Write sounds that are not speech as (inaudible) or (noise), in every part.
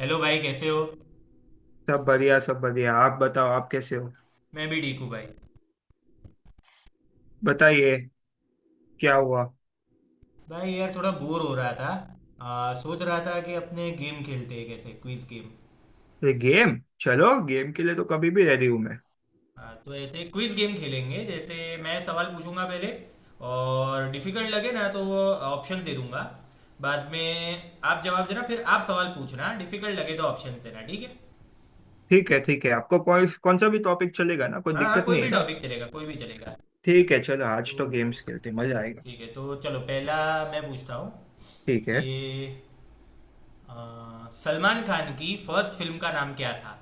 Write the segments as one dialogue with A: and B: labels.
A: Hello भाई कैसे हो।
B: सब बढ़िया सब बढ़िया। आप बताओ, आप कैसे हो?
A: मैं भी ठीक हूँ भाई।
B: बताइए, क्या हुआ?
A: भाई यार थोड़ा बोर हो रहा था। सोच रहा था कि अपने गेम खेलते हैं कैसे क्विज गेम।
B: अरे गेम, चलो गेम के लिए तो कभी भी रेडी हूँ मैं।
A: तो ऐसे क्विज गेम खेलेंगे जैसे मैं सवाल पूछूंगा पहले और डिफिकल्ट लगे ना तो वो ऑप्शंस दे दूंगा। बाद में आप जवाब देना फिर आप सवाल पूछना डिफिकल्ट लगे तो ऑप्शंस देना ठीक है।
B: ठीक है ठीक है, आपको कौन कौन सा भी टॉपिक चलेगा ना, कोई
A: हाँ हाँ
B: दिक्कत
A: कोई
B: नहीं है
A: भी
B: ना।
A: टॉपिक चलेगा कोई भी चलेगा।
B: ठीक है, चलो आज तो
A: तो
B: गेम्स खेलते हैं, मजा आएगा।
A: ठीक है तो चलो पहला मैं पूछता हूँ
B: ठीक है।
A: ये सलमान खान की फर्स्ट फिल्म का नाम क्या था।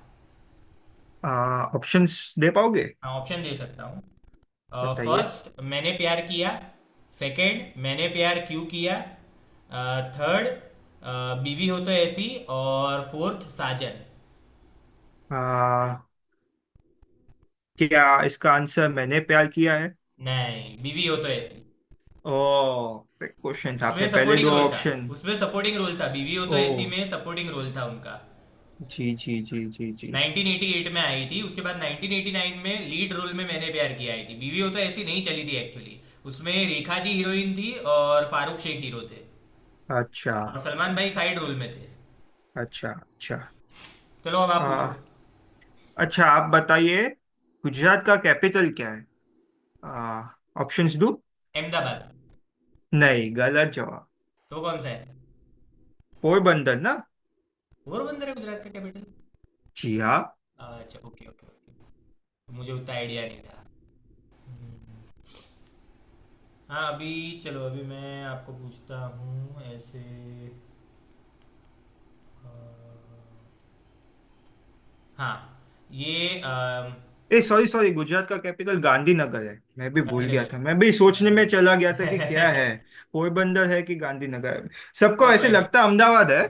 B: आ ऑप्शंस दे पाओगे?
A: हाँ ऑप्शन दे सकता हूँ।
B: बताइए।
A: फर्स्ट मैंने प्यार किया। सेकंड मैंने प्यार क्यों किया। थर्ड बीवी हो तो ऐसी। और फोर्थ साजन।
B: आ क्या इसका आंसर मैंने प्यार किया है?
A: नहीं बीवी हो तो ऐसी।
B: ओ, क्वेश्चन था
A: उसमें
B: आपने पहले
A: सपोर्टिंग
B: दो
A: रोल था।
B: ऑप्शन।
A: उसमें सपोर्टिंग रोल था बीवी हो तो ऐसी
B: ओ,
A: में सपोर्टिंग रोल था उनका।
B: जी जी जी जी जी।
A: 1988 में आई थी उसके बाद 1989 में लीड रोल में मैंने प्यार किया आई थी बीवी हो तो ऐसी नहीं चली थी एक्चुअली। उसमें रेखा जी हीरोइन थी और फारूक शेख हीरो थे।
B: अच्छा
A: और सलमान भाई
B: अच्छा।
A: साइड रोल में थे।
B: अच्छा अच्छा।
A: चलो अब आप पूछो।
B: अच्छा आप बताइए, गुजरात का कैपिटल क्या है? आ, ऑप्शंस दो।
A: अहमदाबाद।
B: नहीं, गलत जवाब।
A: तो कौन सा है।
B: पोरबंदर ना।
A: पोरबंदर है गुजरात का कैपिटल।
B: जी हाँ।
A: अच्छा ओके ओके ओके। मुझे उतना आइडिया नहीं था। हम्म, हाँ अभी चलो अभी मैं आपको पूछता हूँ ऐसे अ, हाँ ये
B: ए सॉरी सॉरी, गुजरात का कैपिटल गांधीनगर है। मैं भी भूल गया
A: गांधीनगर।
B: था, मैं भी
A: (laughs)
B: सोचने में
A: अम,
B: चला गया था कि क्या है। पोरबंदर है कि गांधीनगर है, सबको
A: चलो
B: ऐसे
A: कोई नहीं।
B: लगता है अहमदाबाद है।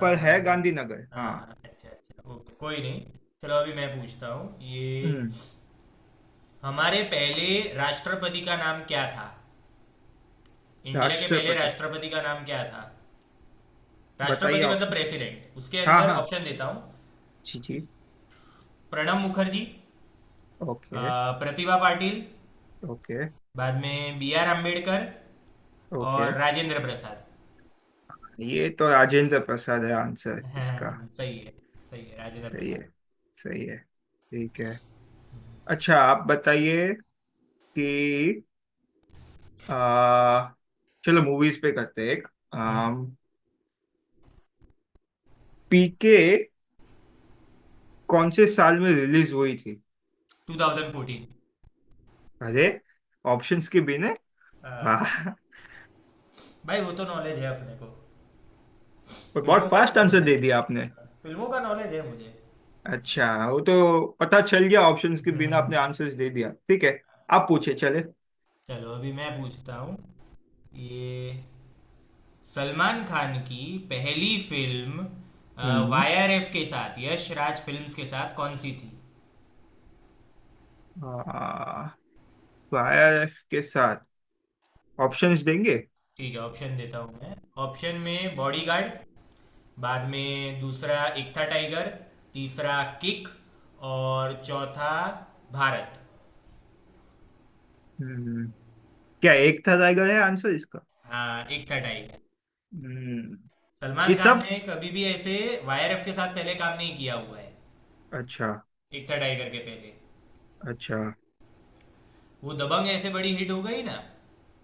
B: पर
A: हाँ
B: है
A: हाँ
B: गांधीनगर
A: हाँ।
B: हाँ।
A: हाँ, अच्छा अच्छा ओके कोई नहीं। चलो अभी मैं पूछता हूँ ये
B: हम्म।
A: हमारे पहले राष्ट्रपति का नाम क्या था। इंडिया के पहले
B: राष्ट्रपति।
A: राष्ट्रपति का नाम क्या था।
B: बताइए
A: राष्ट्रपति मतलब
B: ऑप्शंस।
A: प्रेसिडेंट उसके
B: हाँ
A: अंदर
B: हाँ।
A: ऑप्शन देता हूँ।
B: जी जी।
A: प्रणब मुखर्जी।
B: ओके।
A: प्रतिभा पाटिल।
B: ओके
A: बाद में बी आर अम्बेडकर।
B: ओके।
A: और राजेंद्र प्रसाद।
B: ये तो राजेंद्र प्रसाद है
A: (laughs)
B: आंसर इसका।
A: हाँ, सही है। सही है राजेंद्र
B: सही
A: प्रसाद।
B: है। सही है ठीक है। अच्छा आप बताइए कि आ, चलो मूवीज पे करते हैं एक। पीके कौन से साल में रिलीज हुई थी?
A: 2014।
B: अरे, ऑप्शंस के बिना! वाह।
A: हाँ, भाई वो तो नॉलेज है अपने को।
B: और
A: फिल्मों
B: बहुत
A: का तो
B: फास्ट आंसर
A: नॉलेज है।
B: दे दिया आपने।
A: फिल्मों का नॉलेज है मुझे।
B: अच्छा, वो तो पता चल गया ऑप्शंस के बिना आपने
A: (laughs)
B: आंसर्स दे दिया, ठीक है। आप पूछे चले।
A: चलो अभी मैं पूछता हूँ ये सलमान खान की पहली फिल्म
B: हम्म।
A: वाईआरएफ के साथ यश राज फिल्म्स के साथ कौन सी थी।
B: आ, वायरस के साथ? ऑप्शंस देंगे।
A: ठीक है ऑप्शन देता हूँ मैं। ऑप्शन में बॉडीगार्ड। बाद में दूसरा एक था टाइगर। तीसरा किक। और चौथा भारत।
B: हम्म, क्या एक था रहेगा आंसर इसका?
A: हाँ एक था टाइगर।
B: हम्म। ये
A: सलमान खान
B: सब।
A: ने कभी भी ऐसे वाईआरएफ के साथ पहले काम नहीं किया हुआ है।
B: अच्छा।
A: एक था टाइगर के पहले
B: अच्छा।
A: वो दबंग ऐसे बड़ी हिट हो गई ना।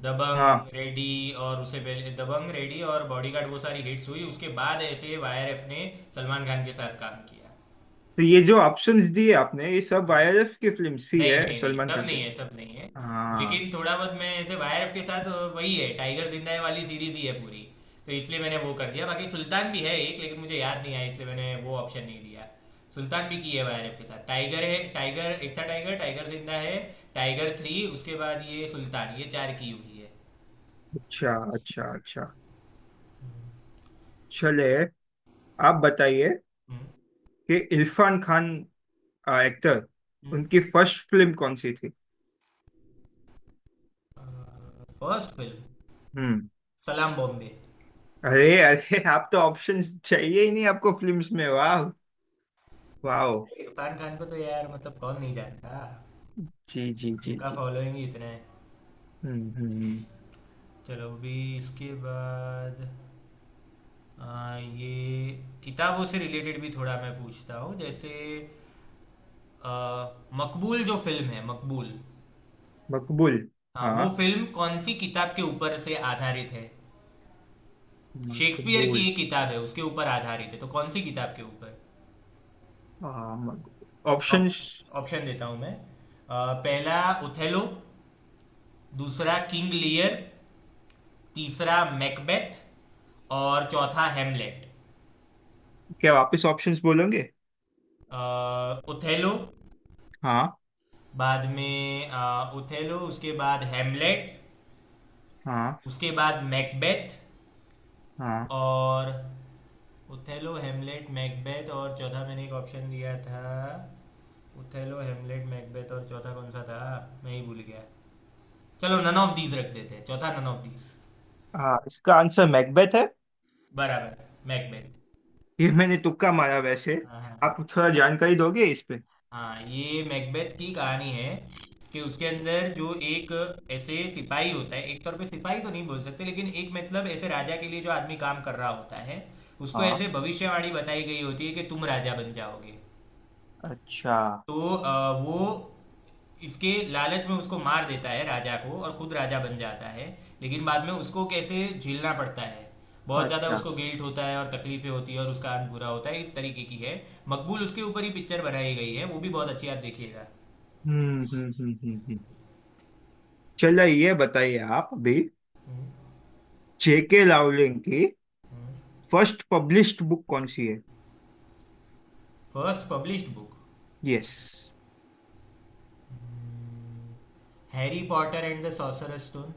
A: दबंग
B: हाँ
A: रेडी। और उसे पहले दबंग रेडी और बॉडीगार्ड वो सारी हिट्स हुई उसके बाद ऐसे वाईआरएफ ने सलमान खान के साथ काम किया।
B: तो ये जो ऑप्शंस दिए आपने ये सब आईआरएफ की फिल्म सी
A: नहीं
B: है
A: नहीं नहीं
B: सलमान
A: सब
B: खान के?
A: नहीं है सब नहीं है।
B: हाँ।
A: लेकिन थोड़ा बहुत मैं ऐसे वाईआरएफ के साथ वही है टाइगर जिंदा है वाली सीरीज ही है पूरी। तो इसलिए मैंने वो कर दिया बाकी सुल्तान भी है एक लेकिन मुझे याद नहीं आया इसलिए मैंने वो ऑप्शन नहीं दिया। सुल्तान भी की है वाईआरएफ के साथ टाइगर है Tiger Ek Tha Tiger Tiger Zinda Hai Tiger three उसके बाद ये सुल्तान ये चार की हुई है।
B: अच्छा अच्छा अच्छा। चले, आप बताइए
A: हम्म।
B: कि इरफान खान एक्टर,
A: हुँ।
B: उनकी फर्स्ट फिल्म कौन सी थी?
A: फर्स्ट फिल्म
B: हम्म।
A: सलाम बॉम्बे।
B: अरे अरे, आप तो ऑप्शंस चाहिए ही नहीं आपको फिल्म्स में, वाह। वाह।
A: इरफान खान को तो यार मतलब कौन नहीं जानता।
B: जी जी जी
A: उनका
B: जी।
A: फॉलोइंग ही इतना है।
B: हम्म।
A: चलो अभी इसके बाद ये किताबों से रिलेटेड भी थोड़ा मैं पूछता हूँ जैसे अ, मकबूल जो फिल्म है मकबूल।
B: मकबूल।
A: हाँ
B: हाँ।
A: वो फिल्म कौन सी किताब के ऊपर से आधारित है। शेक्सपियर की
B: मकबूल।
A: एक किताब है उसके ऊपर आधारित है तो कौन सी किताब के ऊपर।
B: हाँ मकबूल, ऑप्शंस।
A: ऑप्शन देता हूँ मैं। पहला ओथेलो। दूसरा किंग लियर। तीसरा मैकबेथ। और चौथा हेमलेट।
B: क्या वापस ऑप्शंस बोलोगे?
A: उथेलो।
B: हाँ।
A: बाद में उथेलो उसके बाद हेमलेट।
B: हाँ।
A: उसके बाद मैकबेथ।
B: हाँ।
A: और उथेलो हेमलेट मैकबेथ और चौथा मैंने एक ऑप्शन दिया था। उथेलो हेमलेट मैकबेथ और चौथा कौन सा था। मैं ही भूल गया। चलो नन ऑफ दीज रख देते हैं चौथा नन ऑफ दीज।
B: हाँ, इसका आंसर मैकबेथ है।
A: बराबर मैकबेथ।
B: ये मैंने तुक्का मारा वैसे।
A: हाँ हाँ हाँ।
B: आप थोड़ा जानकारी दोगे इस पे?
A: हाँ ये मैकबेथ की कहानी है कि उसके अंदर जो एक ऐसे सिपाही होता है एक तौर पे सिपाही तो नहीं बोल सकते लेकिन एक मतलब ऐसे राजा के लिए जो आदमी काम कर रहा होता है उसको ऐसे
B: हाँ।
A: भविष्यवाणी बताई गई होती है कि तुम राजा बन जाओगे।
B: अच्छा।
A: तो वो इसके लालच में उसको मार देता है राजा को और खुद राजा बन जाता है। लेकिन बाद में उसको कैसे झेलना पड़ता है। बहुत ज़्यादा
B: अच्छा।
A: उसको गिल्ट होता है और तकलीफें होती है और उसका अंत बुरा होता है इस तरीके की है। मकबूल उसके ऊपर ही पिक्चर बनाई गई है वो भी बहुत अच्छी आप देखिएगा।
B: हम्म हम्म हम्म हम्म हम्म। चलो ये बताइए आप अभी,
A: हम्म।
B: जेके लावलिंग की फर्स्ट पब्लिश्ड बुक कौन सी है?
A: First published book.
B: Yes.
A: Harry Potter and the sorcerer stone.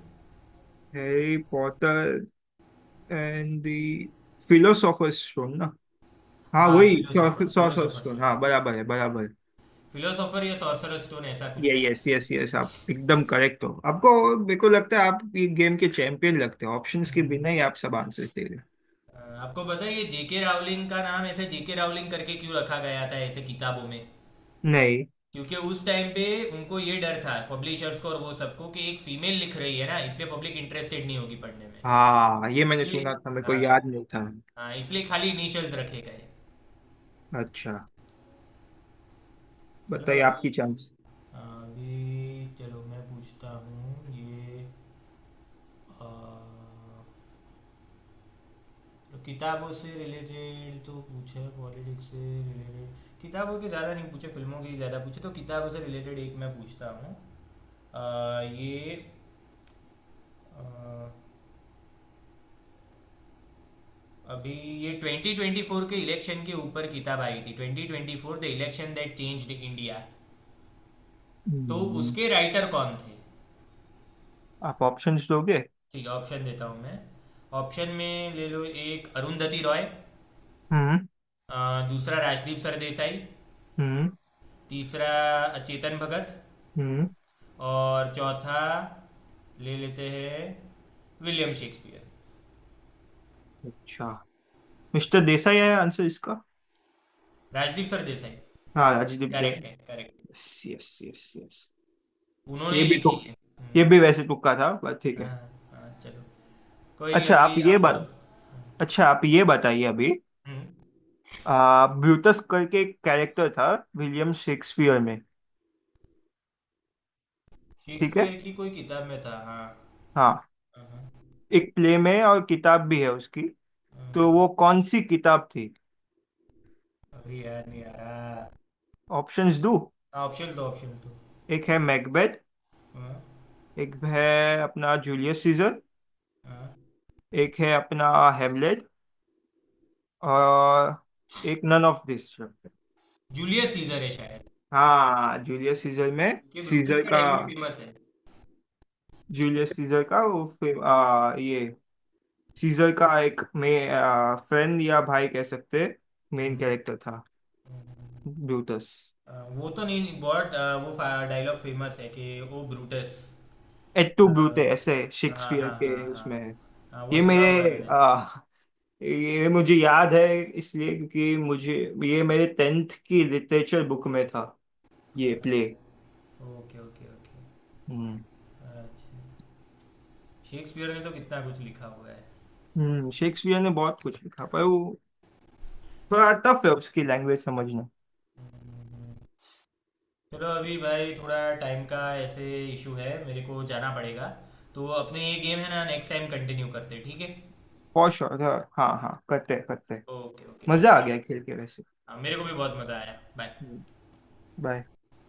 B: Harry Potter and the philosopher's stone ना। हाँ
A: हाँ
B: वही
A: philosopher
B: philosopher's
A: philosopher
B: stone,
A: stone.
B: हाँ बराबर है बराबर है।
A: फिलोसोफर या सॉर्सरर स्टोन ऐसा कुछ
B: यही,
A: था।
B: यस यस यस, आप एकदम करेक्ट हो। आपको, मेरे को लगता है आप ये गेम के चैंपियन लगते हो, ऑप्शंस के बिना ही आप सब आंसर्स दे रहे
A: अ, आपको पता है ये जेके रावलिंग का नाम ऐसे जेके रावलिंग करके क्यों रखा गया था ऐसे किताबों में।
B: हो। नहीं।
A: क्योंकि उस टाइम पे उनको ये डर था पब्लिशर्स को और वो सबको कि एक फीमेल लिख रही है ना इसलिए पब्लिक इंटरेस्टेड नहीं होगी पढ़ने में।
B: हाँ ये मैंने
A: इसलिए
B: सुना था, मेरे को
A: हाँ
B: याद नहीं था।
A: हाँ, इसलिए खाली इनिशियल्स रखे गए।
B: अच्छा।
A: चलो
B: बताइए
A: अभी
B: आपकी चांस।
A: अभी चलो मैं पूछता हूँ ये अ, तो किताबों से रिलेटेड तो पूछे पॉलिटिक्स से रिलेटेड किताबों के ज़्यादा नहीं पूछे फिल्मों के ज़्यादा पूछे तो किताबों से रिलेटेड एक मैं पूछता हूँ ये अ, अभी ये 2024 के इलेक्शन के ऊपर किताब आई थी 2024 the election that changed India. तो
B: हम्म।
A: उसके राइटर कौन थे।
B: आप ऑप्शंस दोगे?
A: ठीक है ऑप्शन देता हूँ मैं। ऑप्शन में ले लो एक अरुंधति रॉय।
B: हम्म।
A: अ, दूसरा राजदीप सरदेसाई।
B: हम्म।
A: तीसरा चेतन भगत।
B: हम्म।
A: और चौथा ले लेते हैं विलियम शेक्सपियर।
B: अच्छा, मिस्टर देसाई है आंसर इसका।
A: राजदीप सरदेसाई।
B: हाँ राजदीप दे।
A: करेक्ट है correct.
B: Yes yes yes yes.
A: उन्होंने
B: ये
A: ही
B: भी तो।
A: लिखी है।
B: ये
A: हम्म,
B: भी वैसे तुक्का था, बट ठीक है।
A: हाँ हाँ चलो कोई नहीं
B: अच्छा आप
A: अभी
B: ये
A: आप बताओ।
B: बात। अच्छा आप ये बताइए अभी,
A: हम्म।
B: ब्रूटस करके एक कैरेक्टर था विलियम शेक्सपियर में। ठीक है।
A: शेक्सपियर की कोई किताब में था हाँ।
B: हाँ,
A: हाँ,
B: एक प्ले में और किताब भी है उसकी।
A: हाँ,
B: तो
A: हाँ।
B: वो कौन सी किताब थी?
A: अभी याद नहीं आ रहा।
B: ऑप्शंस दो।
A: ऑप्शन दो ऑप्शन दो।
B: एक है मैकबेथ,
A: हाँ
B: एक है अपना जूलियस सीजर,
A: हाँ
B: एक है अपना हेमलेट, और एक none of this.
A: Julius Caesar है शायद
B: हाँ जूलियस सीजर में।
A: कि ब्रूटस
B: सीजर
A: का
B: का।
A: डायलॉग फेमस है।
B: जूलियस सीजर का वो ये सीजर का एक में फ्रेंड या भाई कह सकते, मेन
A: हम्म,
B: कैरेक्टर था।
A: हम्म,
B: ब्यूटस।
A: हाँ, वो तो नहीं बहुत वो डायलॉग फेमस है कि ओ ब्रूटस।
B: एट टू
A: आ,
B: ब्यूटे, ऐसे
A: हाँ
B: शेक्सपियर
A: हाँ हाँ
B: के
A: हाँ।
B: उसमें है।
A: हाँ वो
B: ये
A: सुना हुआ है
B: मेरे
A: मैंने।
B: आ, ये मुझे याद है इसलिए क्योंकि मुझे, ये मेरे टेंथ की लिटरेचर बुक में था
A: आ,
B: ये प्ले।
A: Okay okay okay.
B: हम्म।
A: अच्छा शेक्सपियर ने तो कितना कुछ लिखा हुआ है।
B: हम्म, शेक्सपियर ने बहुत कुछ लिखा पर वो थोड़ा टफ है उसकी लैंग्वेज समझना।
A: हम्म, चलो अभी भाई थोड़ा टाइम का ऐसे इशू है मेरे को जाना पड़ेगा। तो अपने ये गेम है ना नेक्स्ट टाइम कंटिन्यू करते हैं, ठीक है।
B: फॉर श्योर, हाँ हाँ, करते हैं, करते हैं।
A: ओके ओके चलो
B: मजा आ
A: बाय।
B: गया खेल के वैसे।
A: हाँ मेरे को भी बहुत मज़ा आया बाय।
B: बाय।